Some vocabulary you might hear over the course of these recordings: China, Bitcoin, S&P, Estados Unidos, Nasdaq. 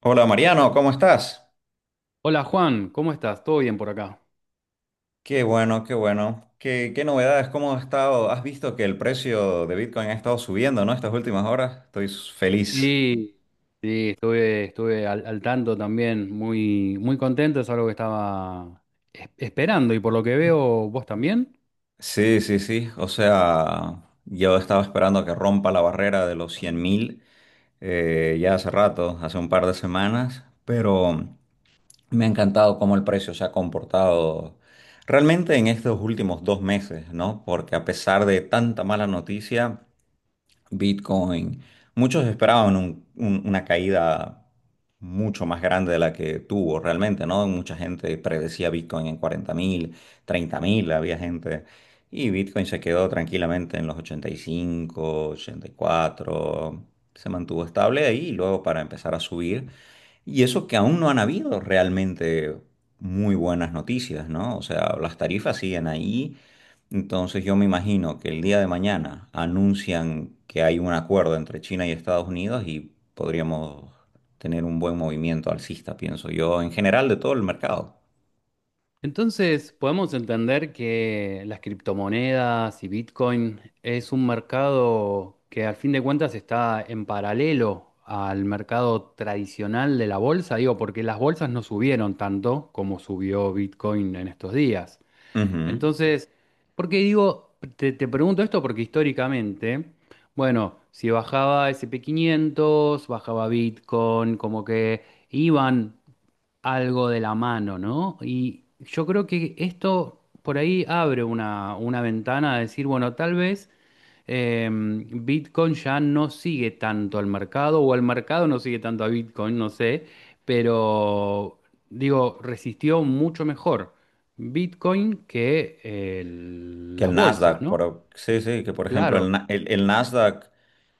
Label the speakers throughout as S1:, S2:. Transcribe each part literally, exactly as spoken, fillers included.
S1: Hola Mariano, ¿cómo estás?
S2: Hola Juan, ¿cómo estás? ¿Todo bien por acá?
S1: Qué bueno, qué bueno. ¿Qué, qué novedades? ¿Cómo has estado? ¿Has visto que el precio de Bitcoin ha estado subiendo, ¿no? Estas últimas horas. Estoy feliz.
S2: Sí, sí, estuve, estuve al, al tanto también, muy, muy contento, es algo que estaba es- esperando y por lo que veo vos también.
S1: Sí, sí, sí. O sea, yo estaba esperando que rompa la barrera de los cien mil eh, ya hace rato, hace un par de semanas, pero me ha encantado cómo el precio se ha comportado realmente en estos últimos dos meses, ¿no? Porque a pesar de tanta mala noticia, Bitcoin, muchos esperaban un- un- una caída mucho más grande de la que tuvo realmente, ¿no? Mucha gente predecía Bitcoin en cuarenta mil, treinta mil, había gente. Y Bitcoin se quedó tranquilamente en los ochenta, ochenta y cinco, ochenta y cuatro, se mantuvo estable ahí y luego para empezar a subir, y eso que aún no han habido realmente muy buenas noticias, ¿no? O sea, las tarifas siguen ahí. Entonces yo me imagino que el día de mañana anuncian que hay un acuerdo entre China y Estados Unidos y podríamos tener un buen movimiento alcista, pienso yo, en general de todo el mercado.
S2: Entonces, podemos entender que las criptomonedas y Bitcoin es un mercado que al fin de cuentas está en paralelo al mercado tradicional de la bolsa, digo, porque las bolsas no subieron tanto como subió Bitcoin en estos días.
S1: Ujú.
S2: Entonces, porque digo, te, te pregunto esto? Porque históricamente, bueno, si bajaba ese and pe quinientos, bajaba Bitcoin, como que iban algo de la mano, ¿no? Y yo creo que esto por ahí abre una, una ventana a decir, bueno, tal vez eh, Bitcoin ya no sigue tanto al mercado, o al mercado no sigue tanto a Bitcoin, no sé, pero digo, resistió mucho mejor Bitcoin que eh,
S1: Que
S2: las
S1: el
S2: bolsas,
S1: Nasdaq,
S2: ¿no?
S1: por, sí, sí, que por ejemplo el,
S2: Claro.
S1: Na- el, el Nasdaq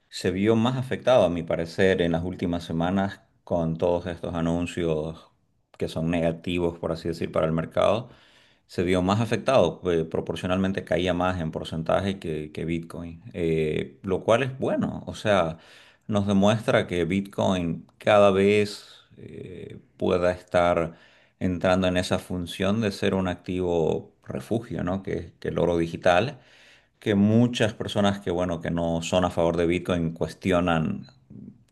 S1: se vio más afectado, a mi parecer, en las últimas semanas con todos estos anuncios que son negativos, por así decir, para el mercado. Se vio más afectado, eh, proporcionalmente caía más en porcentaje que, que Bitcoin, eh, lo cual es bueno. O sea, nos demuestra que Bitcoin cada vez eh, pueda estar entrando en esa función de ser un activo refugio, ¿no? Que, que el oro digital, que muchas personas que, bueno, que no son a favor de Bitcoin cuestionan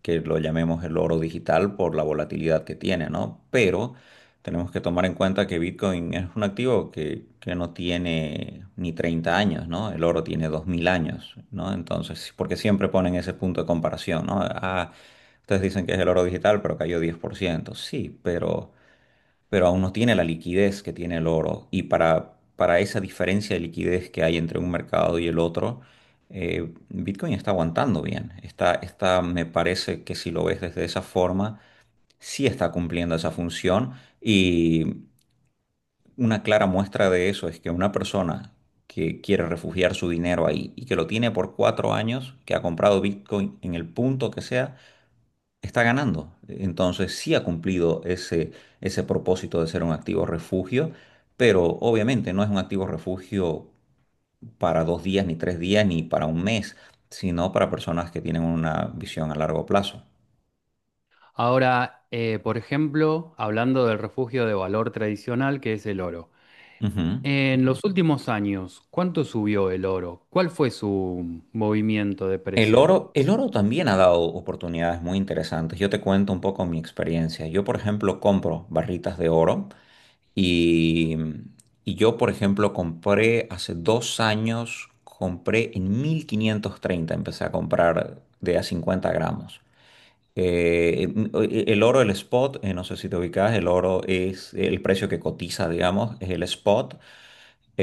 S1: que lo llamemos el oro digital por la volatilidad que tiene, ¿no? Pero tenemos que tomar en cuenta que Bitcoin es un activo que, que no tiene ni treinta años, ¿no? El oro tiene dos mil años, ¿no? Entonces, porque siempre ponen ese punto de comparación, ¿no? Ah, ustedes dicen que es el oro digital, pero cayó diez por ciento. Sí, pero pero aún no tiene la liquidez que tiene el oro. Y para, para esa diferencia de liquidez que hay entre un mercado y el otro, eh, Bitcoin está aguantando bien. Está, está, me parece que si lo ves desde esa forma, sí está cumpliendo esa función. Y una clara muestra de eso es que una persona que quiere refugiar su dinero ahí y que lo tiene por cuatro años, que ha comprado Bitcoin en el punto que sea, está ganando. Entonces sí ha cumplido ese, ese propósito de ser un activo refugio, pero obviamente no es un activo refugio para dos días, ni tres días, ni para un mes, sino para personas que tienen una visión a largo plazo.
S2: Ahora, eh, por ejemplo, hablando del refugio de valor tradicional que es el oro.
S1: Ujú.
S2: En los últimos años, ¿cuánto subió el oro? ¿Cuál fue su movimiento de
S1: El
S2: precio?
S1: oro, el oro también ha dado oportunidades muy interesantes. Yo te cuento un poco mi experiencia. Yo, por ejemplo, compro barritas de oro. Y, y yo, por ejemplo, compré hace dos años, compré en mil quinientos treinta, empecé a comprar de a cincuenta gramos. Eh, em, o- e- el oro, el spot, eh, no sé si te ubicas, el oro es el precio que cotiza, digamos, es el spot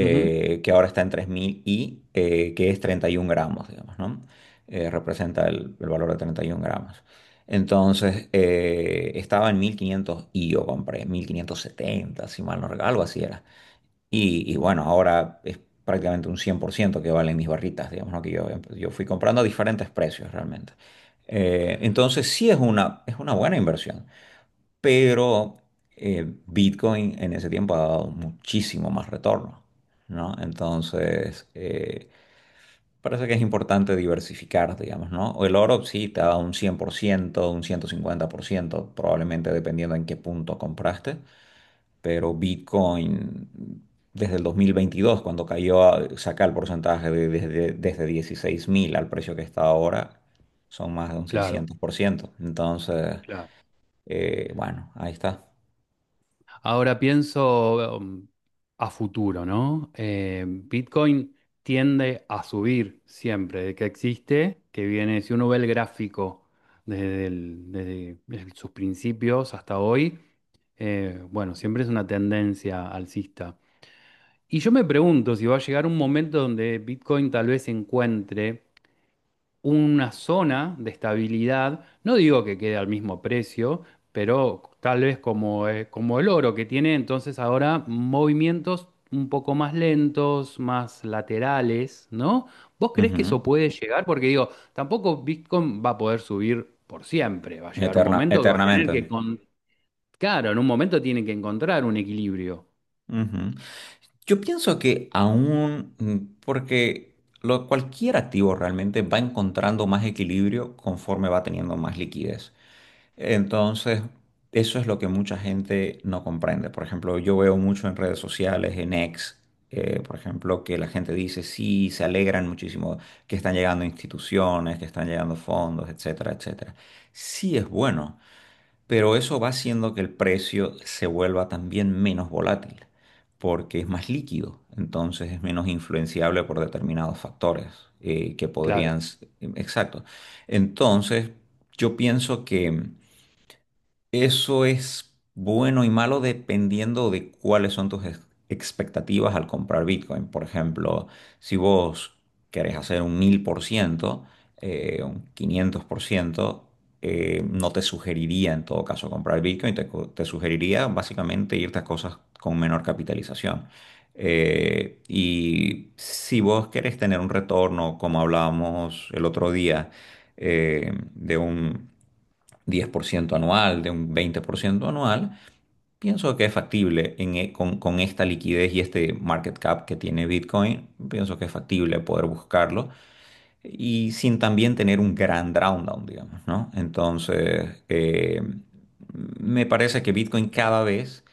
S2: Ujú.
S1: que ahora está en tres mil y eh, que es treinta y un gramos, digamos, ¿no? Eh, representa el, el valor de treinta y un gramos. Entonces, eh, estaba en mil quinientos y yo compré mil quinientos setenta, si mal no recuerdo, algo así era. Y, y bueno, ahora es prácticamente un cien por ciento que valen mis barritas, digamos, ¿no? Que yo, yo fui comprando a diferentes precios realmente. Eh, entonces, sí es una, es una buena inversión, pero eh, Bitcoin en ese tiempo ha dado muchísimo más retorno, ¿no? Entonces, eh, parece que es importante diversificar, digamos, ¿no? O el oro sí te ha dado un cien por ciento, un ciento, cincuenta por ciento, probablemente dependiendo en qué punto compraste, pero Bitcoin... Desde el dos mil veintidós cuando cayó, a- saca el porcentaje de- desde, desde dieciséis mil al precio que está ahora, son más de un
S2: Claro,
S1: seiscientos por ciento. Entonces,
S2: claro.
S1: eh, bueno, ahí está.
S2: Ahora pienso um, a futuro, ¿no? Eh, Bitcoin tiende a subir siempre, de que existe, que viene, si uno ve el gráfico desde, el- desde el- sus principios hasta hoy, eh, bueno, siempre es una tendencia alcista. Y yo me pregunto si va a llegar un momento donde Bitcoin tal vez encuentre una zona de estabilidad, no digo que quede al mismo precio, pero tal vez como, eh, como el oro que tiene entonces ahora movimientos un poco más lentos, más laterales, ¿no? ¿Vos crees que
S1: Ujú.
S2: eso puede llegar? Porque digo, tampoco Bitcoin va a poder subir por siempre, va a llegar un
S1: Eterna,
S2: momento que va a tener
S1: eternamente.
S2: que, con... claro, en un momento tiene que encontrar un equilibrio.
S1: Ujú. Yo pienso que aún, mm, porque lo, cualquier activo realmente va encontrando más equilibrio conforme va teniendo más liquidez. Entonces, eso es lo que mucha gente no comprende. Por ejemplo, yo veo mucho en redes sociales, en X, eh, por ejemplo, que la gente dice, sí, se alegran muchísimo que están llegando instituciones, que están llegando fondos, etcétera, etcétera. Sí es bueno, pero eso va haciendo que el precio se vuelva también menos volátil, porque es más líquido, entonces es menos influenciable por determinados factores eh, que podrían...
S2: Claro,
S1: s- Exacto. Entonces, yo pienso que... Eso es bueno y malo dependiendo de cuáles son tus ex- expectativas al comprar Bitcoin. Por ejemplo, si vos querés hacer un mil por ciento, eh, un quinientos por ciento, eh, no te sugeriría en todo caso comprar Bitcoin, te, co- te sugeriría básicamente irte a cosas con menor capitalización. Eh, y si vos querés tener un retorno, como hablábamos el otro día, eh, de un diez por ciento anual, de un veinte por ciento anual, pienso que es factible en e- con, con esta liquidez y este market cap que tiene Bitcoin, pienso que es factible poder buscarlo y sin también tener un gran down, digamos, ¿no? Entonces, eh, me parece que Bitcoin cada vez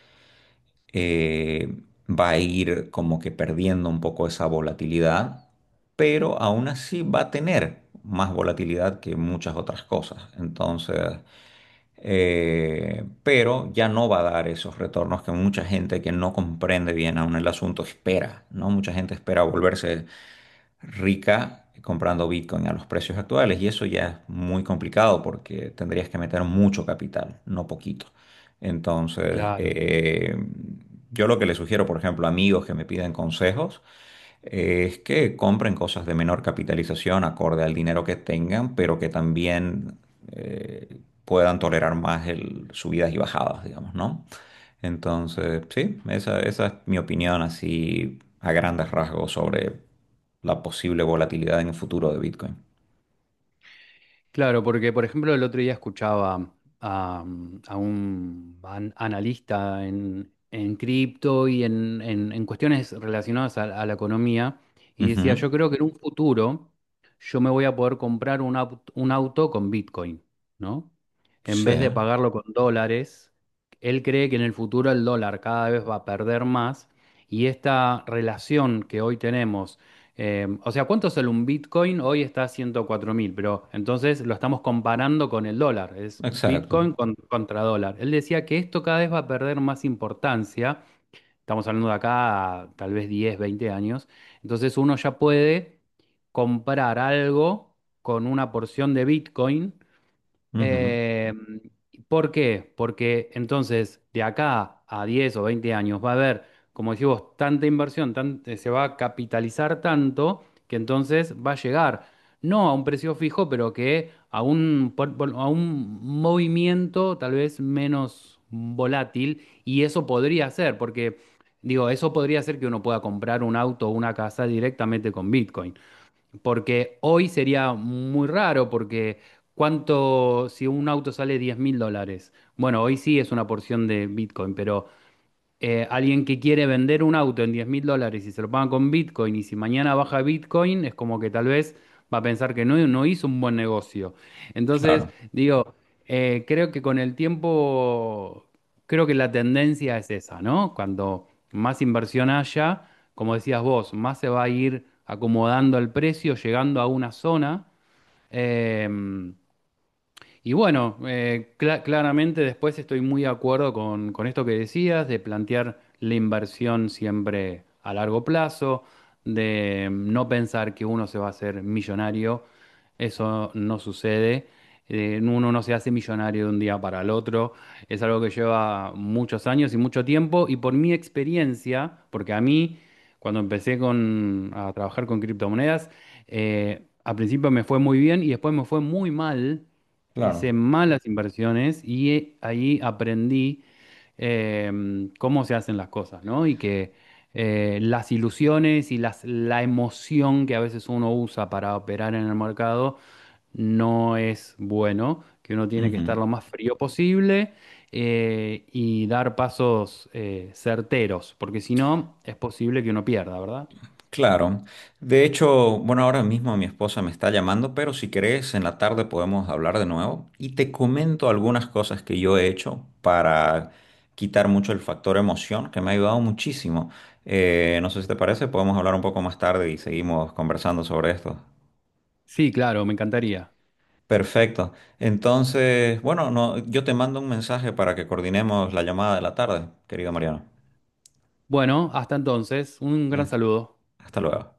S1: eh, va a ir como que perdiendo un poco esa volatilidad, pero aún así va a tener más volatilidad que muchas otras cosas. Entonces, eh, pero ya no va a dar esos retornos que mucha gente que no comprende bien aún el asunto espera, ¿no? Mucha gente espera volverse rica comprando Bitcoin a los precios actuales y eso ya es muy complicado porque tendrías que meter mucho capital, no poquito. Entonces,
S2: claro.
S1: eh, yo lo que le sugiero, por ejemplo, a amigos que me piden consejos, eh, es que compren cosas de menor capitalización acorde al dinero que tengan, pero que también eh, puedan tolerar más el, subidas y bajadas, digamos, ¿no? Entonces, sí, esa, esa es mi opinión así a grandes rasgos sobre la posible volatilidad en el futuro de Bitcoin.
S2: Claro, porque por ejemplo el otro día escuchaba a, mm, a un an- analista en, en cripto y en, en- en cuestiones relacionadas a, a la economía y decía,
S1: Ujú,
S2: yo creo que en un futuro yo me voy a poder comprar un, au- un auto con Bitcoin, ¿no? En
S1: sí,
S2: vez de pagarlo con dólares, él cree que en el futuro el dólar cada vez va a perder más y esta relación que hoy tenemos eh, o sea, ¿cuánto sale un Bitcoin? Hoy está a ciento cuatro mil, pero entonces lo estamos comparando con el dólar. Es
S1: exacto.
S2: Bitcoin con- contra dólar. Él decía que esto cada vez va a perder más importancia. Estamos hablando de acá a tal vez diez, veinte años. Entonces uno ya puede comprar algo con una porción de Bitcoin
S1: Ujú,
S2: eh, ¿por qué? Porque entonces de acá a diez o veinte años va a haber, como decís vos, tanta inversión, tan- eh, se va a capitalizar tanto que entonces va a llegar, no a un precio fijo, pero que a un, por- por- a un movimiento tal vez menos volátil y eso podría ser, porque digo, eso podría ser que uno pueda comprar un auto o una casa directamente con Bitcoin. Porque hoy sería muy raro, porque cuánto, si un auto sale diez mil dólares, bueno, hoy sí es una porción de Bitcoin, pero eh, alguien que quiere vender un auto en diez mil dólares y se lo paga con Bitcoin y si mañana baja Bitcoin es como que tal vez va a pensar que no, no hizo un buen negocio. Entonces,
S1: claro,
S2: digo, eh, creo que con el tiempo, creo que la tendencia es esa, ¿no? Cuando más inversión haya, como decías vos, más se va a ir acomodando el precio, llegando a una zona. em, y bueno, eh, cla- claramente después estoy muy de acuerdo con, con esto que decías, de plantear la inversión siempre a largo plazo, de no pensar que uno se va a hacer millonario, eso no sucede. Eh, uno no se hace millonario de un día para el otro, es algo que lleva muchos años y mucho tiempo, y por mi experiencia, porque a mí, cuando empecé con, a trabajar con criptomonedas, eh, al principio me fue muy bien y después me fue muy mal, hice
S1: claro.
S2: malas inversiones y eh, ahí aprendí em, cómo se hacen las cosas, ¿no? Y que eh, las ilusiones y las, la emoción que a veces uno usa para operar en el mercado no es bueno, que uno tiene que estar
S1: Ujú.
S2: lo más frío posible eh, y dar pasos eh, certeros, porque si no es posible que uno pierda, ¿verdad?
S1: Claro. De hecho, bueno, ahora mismo mi esposa me está llamando, pero si querés, en la tarde podemos hablar de nuevo y te comento algunas cosas que yo he hecho para quitar mucho el factor emoción, que me ha ayudado muchísimo. Eh, no sé si te parece, podemos hablar un poco más tarde y seguimos conversando sobre esto.
S2: Sí, claro, me encantaría.
S1: Perfecto. Entonces, bueno, no, yo te mando un mensaje para que coordinemos la llamada de la tarde, querido Mariano.
S2: Bueno, hasta entonces, un
S1: Eh,
S2: gran saludo.
S1: Hasta luego.